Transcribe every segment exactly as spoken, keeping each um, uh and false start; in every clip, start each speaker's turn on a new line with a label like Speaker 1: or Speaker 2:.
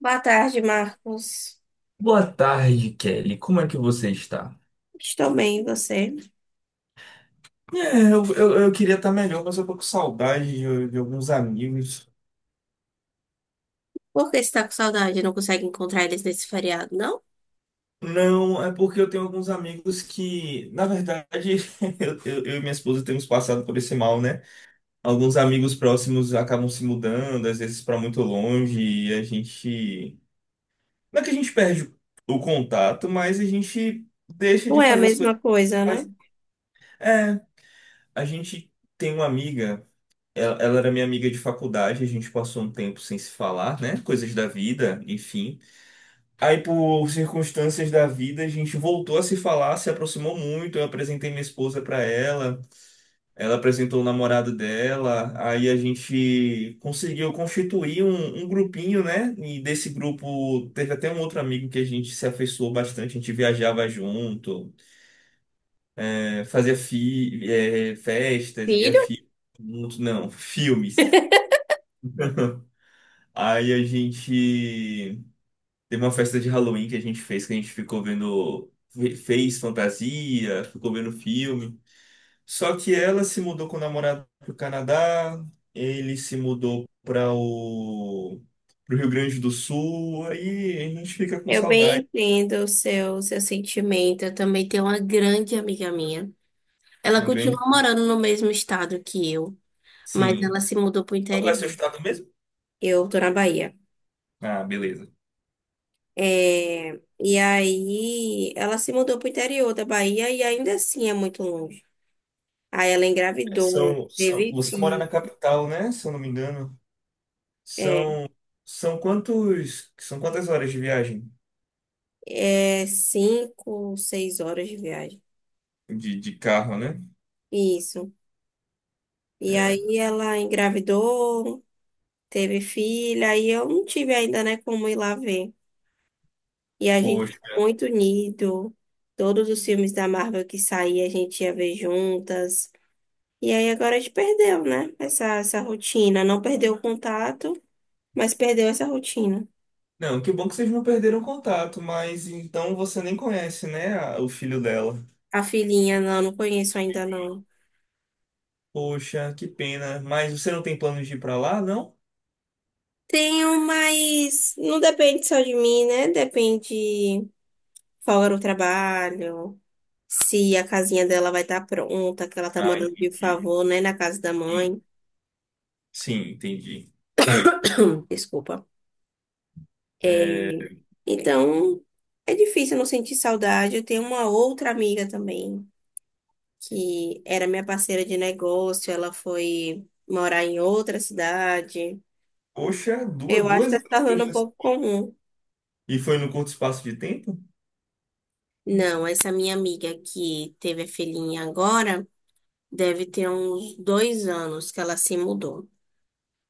Speaker 1: Boa tarde, Marcos.
Speaker 2: Boa tarde, Kelly. Como é que você está?
Speaker 1: Estou bem, e você?
Speaker 2: É, eu, eu, eu queria estar melhor, mas eu tô com saudade de, de alguns amigos.
Speaker 1: Por que você está com saudade? Não consegue encontrar eles nesse feriado, não?
Speaker 2: Não, é porque eu tenho alguns amigos que, na verdade, eu, eu, eu e minha esposa temos passado por esse mal, né? Alguns amigos próximos acabam se mudando, às vezes para muito longe, e a gente. Não é que a gente perde o contato, mas a gente deixa
Speaker 1: Não
Speaker 2: de
Speaker 1: é a
Speaker 2: fazer as coisas.
Speaker 1: mesma
Speaker 2: Que
Speaker 1: coisa, né?
Speaker 2: faz. É, a gente tem uma amiga. Ela, ela era minha amiga de faculdade, a gente passou um tempo sem se falar, né? Coisas da vida, enfim. Aí, por circunstâncias da vida, a gente voltou a se falar, se aproximou muito. Eu apresentei minha esposa para ela, ela apresentou o namorado dela. Aí a gente conseguiu constituir um, um grupinho, né? E desse grupo teve até um outro amigo que a gente se afeiçoou bastante. A gente viajava junto, eh, fazia fi, eh, festas, via
Speaker 1: Filho,
Speaker 2: fi, não, filmes. Aí a gente teve uma festa de Halloween que a gente fez, que a gente ficou vendo, fe- fez fantasia, ficou vendo filme. Só que ela se mudou com o namorado pro Canadá, ele se mudou para o pro Rio Grande do Sul, aí a gente fica com
Speaker 1: eu bem
Speaker 2: saudade.
Speaker 1: entendo o seu, seu sentimento. Eu também tenho uma grande amiga minha. Ela
Speaker 2: No
Speaker 1: continua
Speaker 2: grande,
Speaker 1: morando no mesmo estado que eu, mas ela
Speaker 2: sim.
Speaker 1: se mudou para o
Speaker 2: Qual é o seu
Speaker 1: interior.
Speaker 2: estado mesmo?
Speaker 1: Eu tô na Bahia.
Speaker 2: Ah, beleza.
Speaker 1: É, e aí, ela se mudou para o interior da Bahia e ainda assim é muito longe. Aí ela engravidou,
Speaker 2: São, são,
Speaker 1: teve
Speaker 2: você mora na
Speaker 1: filho.
Speaker 2: capital, né? Se eu não me engano.
Speaker 1: É,
Speaker 2: São, são quantos, são quantas horas de viagem
Speaker 1: é cinco, seis horas de viagem.
Speaker 2: de, de carro, né?
Speaker 1: Isso. E
Speaker 2: É,
Speaker 1: aí ela engravidou, teve filha, e eu não tive ainda, né, como ir lá ver. E a gente ficou
Speaker 2: poxa.
Speaker 1: muito unido. Todos os filmes da Marvel que saía, a gente ia ver juntas. E aí agora a gente perdeu, né? Essa, essa rotina. Não perdeu o contato, mas perdeu essa rotina.
Speaker 2: Não, que bom que vocês não perderam contato, mas então você nem conhece, né, a- o filho dela.
Speaker 1: A filhinha, não, não conheço ainda, não.
Speaker 2: Poxa, que pena. Mas você não tem planos de ir pra lá, não?
Speaker 1: Tenho, mas não depende só de mim, né? Depende. Folga no trabalho, se a casinha dela vai estar pronta, que ela tá
Speaker 2: Ah,
Speaker 1: morando de
Speaker 2: entendi.
Speaker 1: favor, né, na casa da
Speaker 2: Sim,
Speaker 1: mãe.
Speaker 2: sim, entendi.
Speaker 1: Desculpa. É,
Speaker 2: É,
Speaker 1: então, é difícil não sentir saudade. Eu tenho uma outra amiga também, que era minha parceira de negócio, ela foi morar em outra cidade.
Speaker 2: poxa, duas,
Speaker 1: Eu acho que
Speaker 2: duas
Speaker 1: está se tornando um
Speaker 2: empresas.
Speaker 1: pouco comum.
Speaker 2: E foi no curto espaço de tempo?
Speaker 1: Não, essa minha amiga que teve a filhinha agora deve ter uns dois anos que ela se mudou.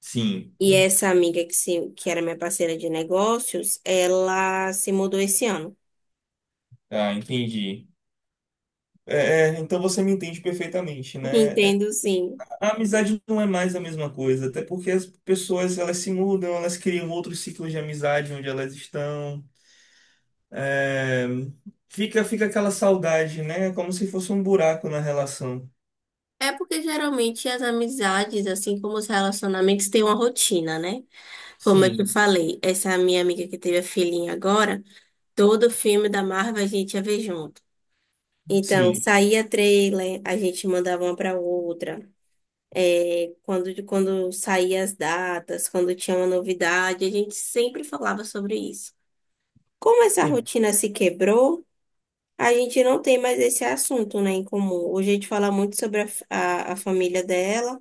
Speaker 2: Sim.
Speaker 1: E essa amiga que, se, que era minha parceira de negócios, ela se mudou esse ano.
Speaker 2: Ah, entendi. É, é, então você me entende perfeitamente, né? É,
Speaker 1: Entendo, sim.
Speaker 2: a amizade não é mais a mesma coisa, até porque as pessoas elas se mudam, elas criam outros ciclos de amizade onde elas estão. É, fica, fica aquela saudade, né? Como se fosse um buraco na relação.
Speaker 1: É porque geralmente as amizades, assim como os relacionamentos, têm uma rotina, né? Como eu te
Speaker 2: Sim,
Speaker 1: falei, essa minha amiga que teve a filhinha agora, todo filme da Marvel a gente ia ver junto. Então,
Speaker 2: sim,
Speaker 1: saía trailer, a gente mandava uma para outra. É, quando, quando saía as datas, quando tinha uma novidade, a gente sempre falava sobre isso. Como essa
Speaker 2: en-
Speaker 1: rotina se quebrou, a gente não tem mais esse assunto, né, em comum. Hoje a gente fala muito sobre a, f- a, a família dela,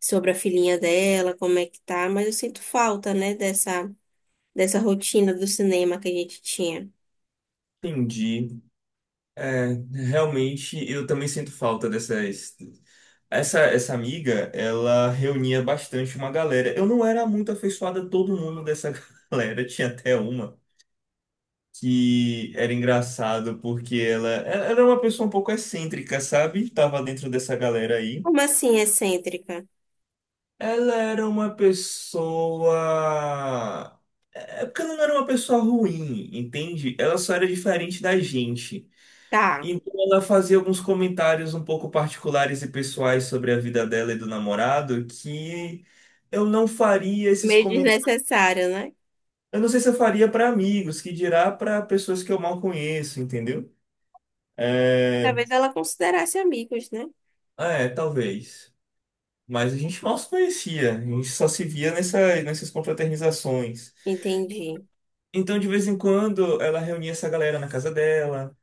Speaker 1: sobre a filhinha dela, como é que tá, mas eu sinto falta, né, dessa, dessa rotina do cinema que a gente tinha.
Speaker 2: entendi. É, realmente, eu também sinto falta dessas. Essa, essa amiga, ela reunia bastante uma galera. Eu não era muito afeiçoada a todo mundo dessa galera. Tinha até uma que era engraçado porque ela, ela era uma pessoa um pouco excêntrica, sabe? Tava dentro dessa galera aí.
Speaker 1: Como assim, excêntrica?
Speaker 2: Ela era uma pessoa. É porque ela não era uma pessoa ruim, entende? Ela só era diferente da gente.
Speaker 1: Tá,
Speaker 2: Então ela fazia alguns comentários um pouco particulares e pessoais sobre a vida dela e do namorado que eu não faria esses
Speaker 1: meio
Speaker 2: comentários.
Speaker 1: desnecessário, né?
Speaker 2: Eu não sei se eu faria para amigos, que dirá para pessoas que eu mal conheço, entendeu? É,
Speaker 1: Talvez ela considerasse amigos, né?
Speaker 2: ah, é, talvez. Mas a gente mal se conhecia, a gente só se via nessa, nessas confraternizações.
Speaker 1: Entendi.
Speaker 2: Então, de vez em quando, ela reunia essa galera na casa dela.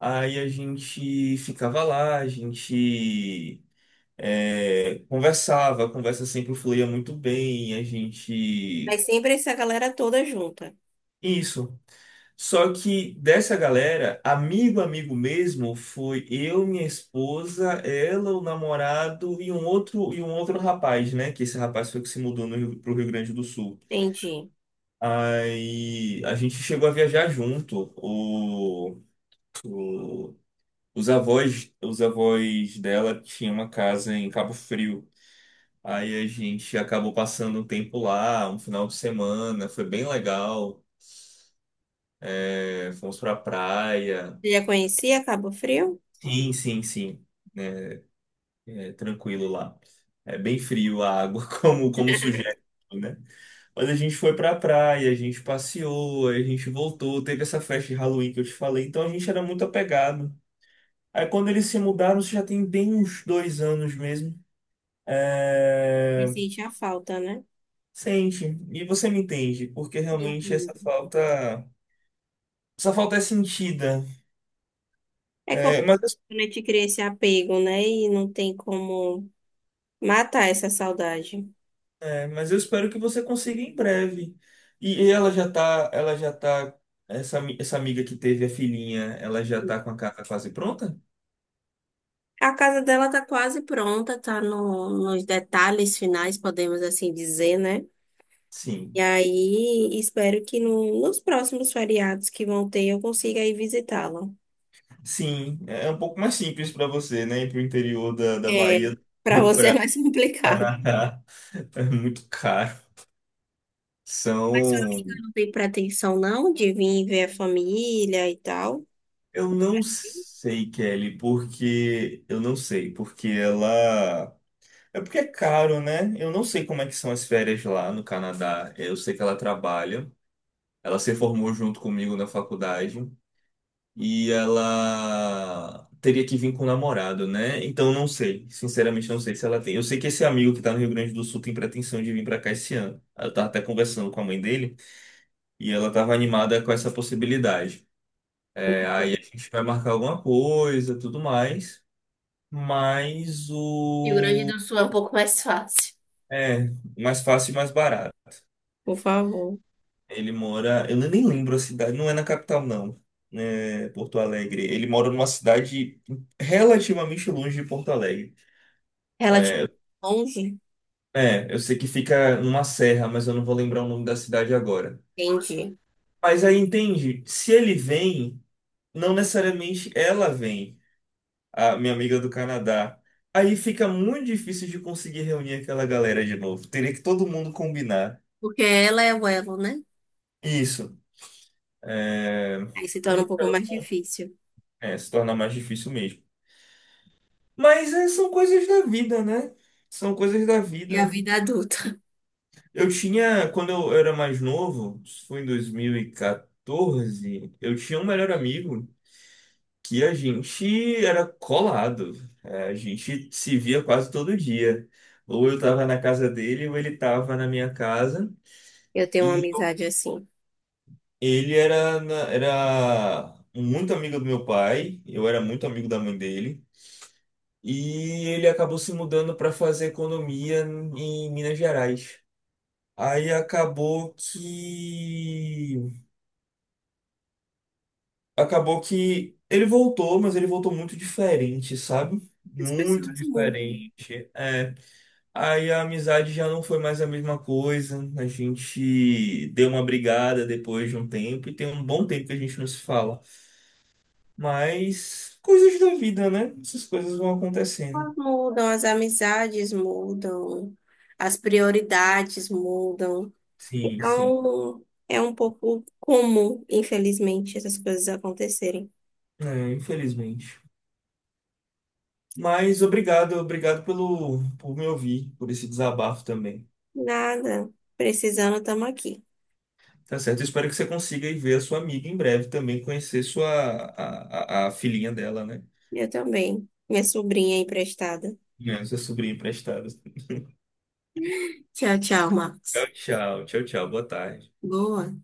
Speaker 2: Aí a gente ficava lá, a gente é, conversava, a conversa sempre fluía muito bem, a
Speaker 1: Mas
Speaker 2: gente.
Speaker 1: sempre essa galera toda junta.
Speaker 2: Isso. Só que dessa galera, amigo, amigo mesmo, foi eu, minha esposa, ela, o namorado e um outro, e um outro rapaz, né? Que esse rapaz foi que se mudou no Rio, pro Rio Grande do Sul.
Speaker 1: Entendi.
Speaker 2: Aí a gente chegou a viajar junto. O, Os avós, os avós dela tinham uma casa em Cabo Frio. Aí a gente acabou passando um tempo lá, um final de semana, foi bem legal. É, fomos pra praia.
Speaker 1: Você já conhecia Cabo Frio?
Speaker 2: Sim, sim, sim. É, é tranquilo lá. É bem frio a água, como, como sugere, né? Mas a gente foi pra praia, a gente passeou, aí a gente voltou, teve essa festa de Halloween que eu te falei, então a gente era muito apegado. Aí quando eles se mudaram, isso já tem bem uns dois anos mesmo.
Speaker 1: Me
Speaker 2: É,
Speaker 1: sentia falta, né?
Speaker 2: sente, e você me entende, porque realmente essa
Speaker 1: Entendi.
Speaker 2: falta, essa falta é sentida.
Speaker 1: É. Quando
Speaker 2: É, mas, eu-
Speaker 1: a gente cria esse apego, né? E não tem como matar essa saudade.
Speaker 2: É, mas eu espero que você consiga em breve. E, e ela já tá, ela já tá, essa, ami- essa amiga que teve a filhinha, ela já tá com a casa quase pronta?
Speaker 1: A casa dela tá quase pronta, tá no- nos detalhes finais, podemos assim dizer, né? E
Speaker 2: Sim.
Speaker 1: aí, espero que no- nos próximos feriados que vão ter, eu consiga ir visitá-la.
Speaker 2: Sim, é é um pouco mais simples para você, né? Ir pro interior da, da
Speaker 1: É,
Speaker 2: Bahia
Speaker 1: para
Speaker 2: e
Speaker 1: você é
Speaker 2: para
Speaker 1: mais complicado.
Speaker 2: Canadá é muito caro. São,
Speaker 1: Não tem pretensão, não, de vir ver a família e tal.
Speaker 2: eu não sei, Kelly, porque eu não sei, porque ela é porque é caro, né? Eu não sei como é que são as férias lá no Canadá. Eu sei que ela trabalha. Ela se formou junto comigo na faculdade e ela teria que vir com o namorado, né? Então eu não sei, sinceramente eu não sei se ela tem. Eu sei que esse amigo que tá no Rio Grande do Sul tem pretensão de vir pra cá esse ano. Eu tava até conversando com a mãe dele e ela tava animada com essa possibilidade. É, aí a gente vai marcar alguma coisa, tudo mais. Mas
Speaker 1: Rio Grande
Speaker 2: o.
Speaker 1: do Sul é um pouco mais fácil.
Speaker 2: É, mais fácil e mais barato.
Speaker 1: Por favor.
Speaker 2: Ele mora. Eu nem lembro a cidade, não é na capital, não. É Porto Alegre. Ele mora numa cidade relativamente longe de Porto Alegre.
Speaker 1: Ela, tipo, longe?
Speaker 2: É, eu sei que fica numa serra, mas eu não vou lembrar o nome da cidade agora.
Speaker 1: Entendi.
Speaker 2: Mas aí entende, se ele vem, não necessariamente ela vem, a minha amiga do Canadá. Aí fica muito difícil de conseguir reunir aquela galera de novo. Teria que todo mundo combinar.
Speaker 1: Porque ela é o elo, né?
Speaker 2: Isso. é,
Speaker 1: Aí se torna um pouco mais difícil.
Speaker 2: É, se torna mais difícil mesmo. Mas é, são coisas da vida, né? São coisas da
Speaker 1: É a
Speaker 2: vida.
Speaker 1: vida adulta.
Speaker 2: Eu tinha, quando eu era mais novo, isso foi em dois mil e quatorze, eu tinha um melhor amigo que a gente era colado. É, a gente se via quase todo dia. Ou eu tava na casa dele, ou ele tava na minha casa.
Speaker 1: Eu tenho uma
Speaker 2: E
Speaker 1: amizade assim.
Speaker 2: ele era, na- era muito amigo do meu pai, eu era muito amigo da mãe dele. E ele acabou se mudando para fazer economia em Minas Gerais. Aí acabou que. Acabou que ele voltou, mas ele voltou muito diferente, sabe?
Speaker 1: As
Speaker 2: Muito
Speaker 1: pessoas mudam.
Speaker 2: diferente. É. Aí a amizade já não foi mais a mesma coisa. A gente deu uma brigada depois de um tempo, e tem um bom tempo que a gente não se fala. Mas coisas da vida, né? Essas coisas vão acontecendo.
Speaker 1: Elas mudam, as amizades mudam, as prioridades mudam.
Speaker 2: Sim, sim.
Speaker 1: Então, é um pouco comum, infelizmente, essas coisas acontecerem.
Speaker 2: É, infelizmente. Mas obrigado, obrigado pelo, por me ouvir, por esse desabafo também.
Speaker 1: Nada. Precisando, estamos aqui.
Speaker 2: Tá certo? Eu espero que você consiga ir ver a sua amiga em breve também, conhecer sua, a, a, a filhinha dela, né?
Speaker 1: Eu também. Minha sobrinha é emprestada.
Speaker 2: É. Sua sobrinha emprestada.
Speaker 1: Tchau, tchau,
Speaker 2: Tchau,
Speaker 1: Marcos.
Speaker 2: tchau, tchau, tchau, boa tarde.
Speaker 1: Boa.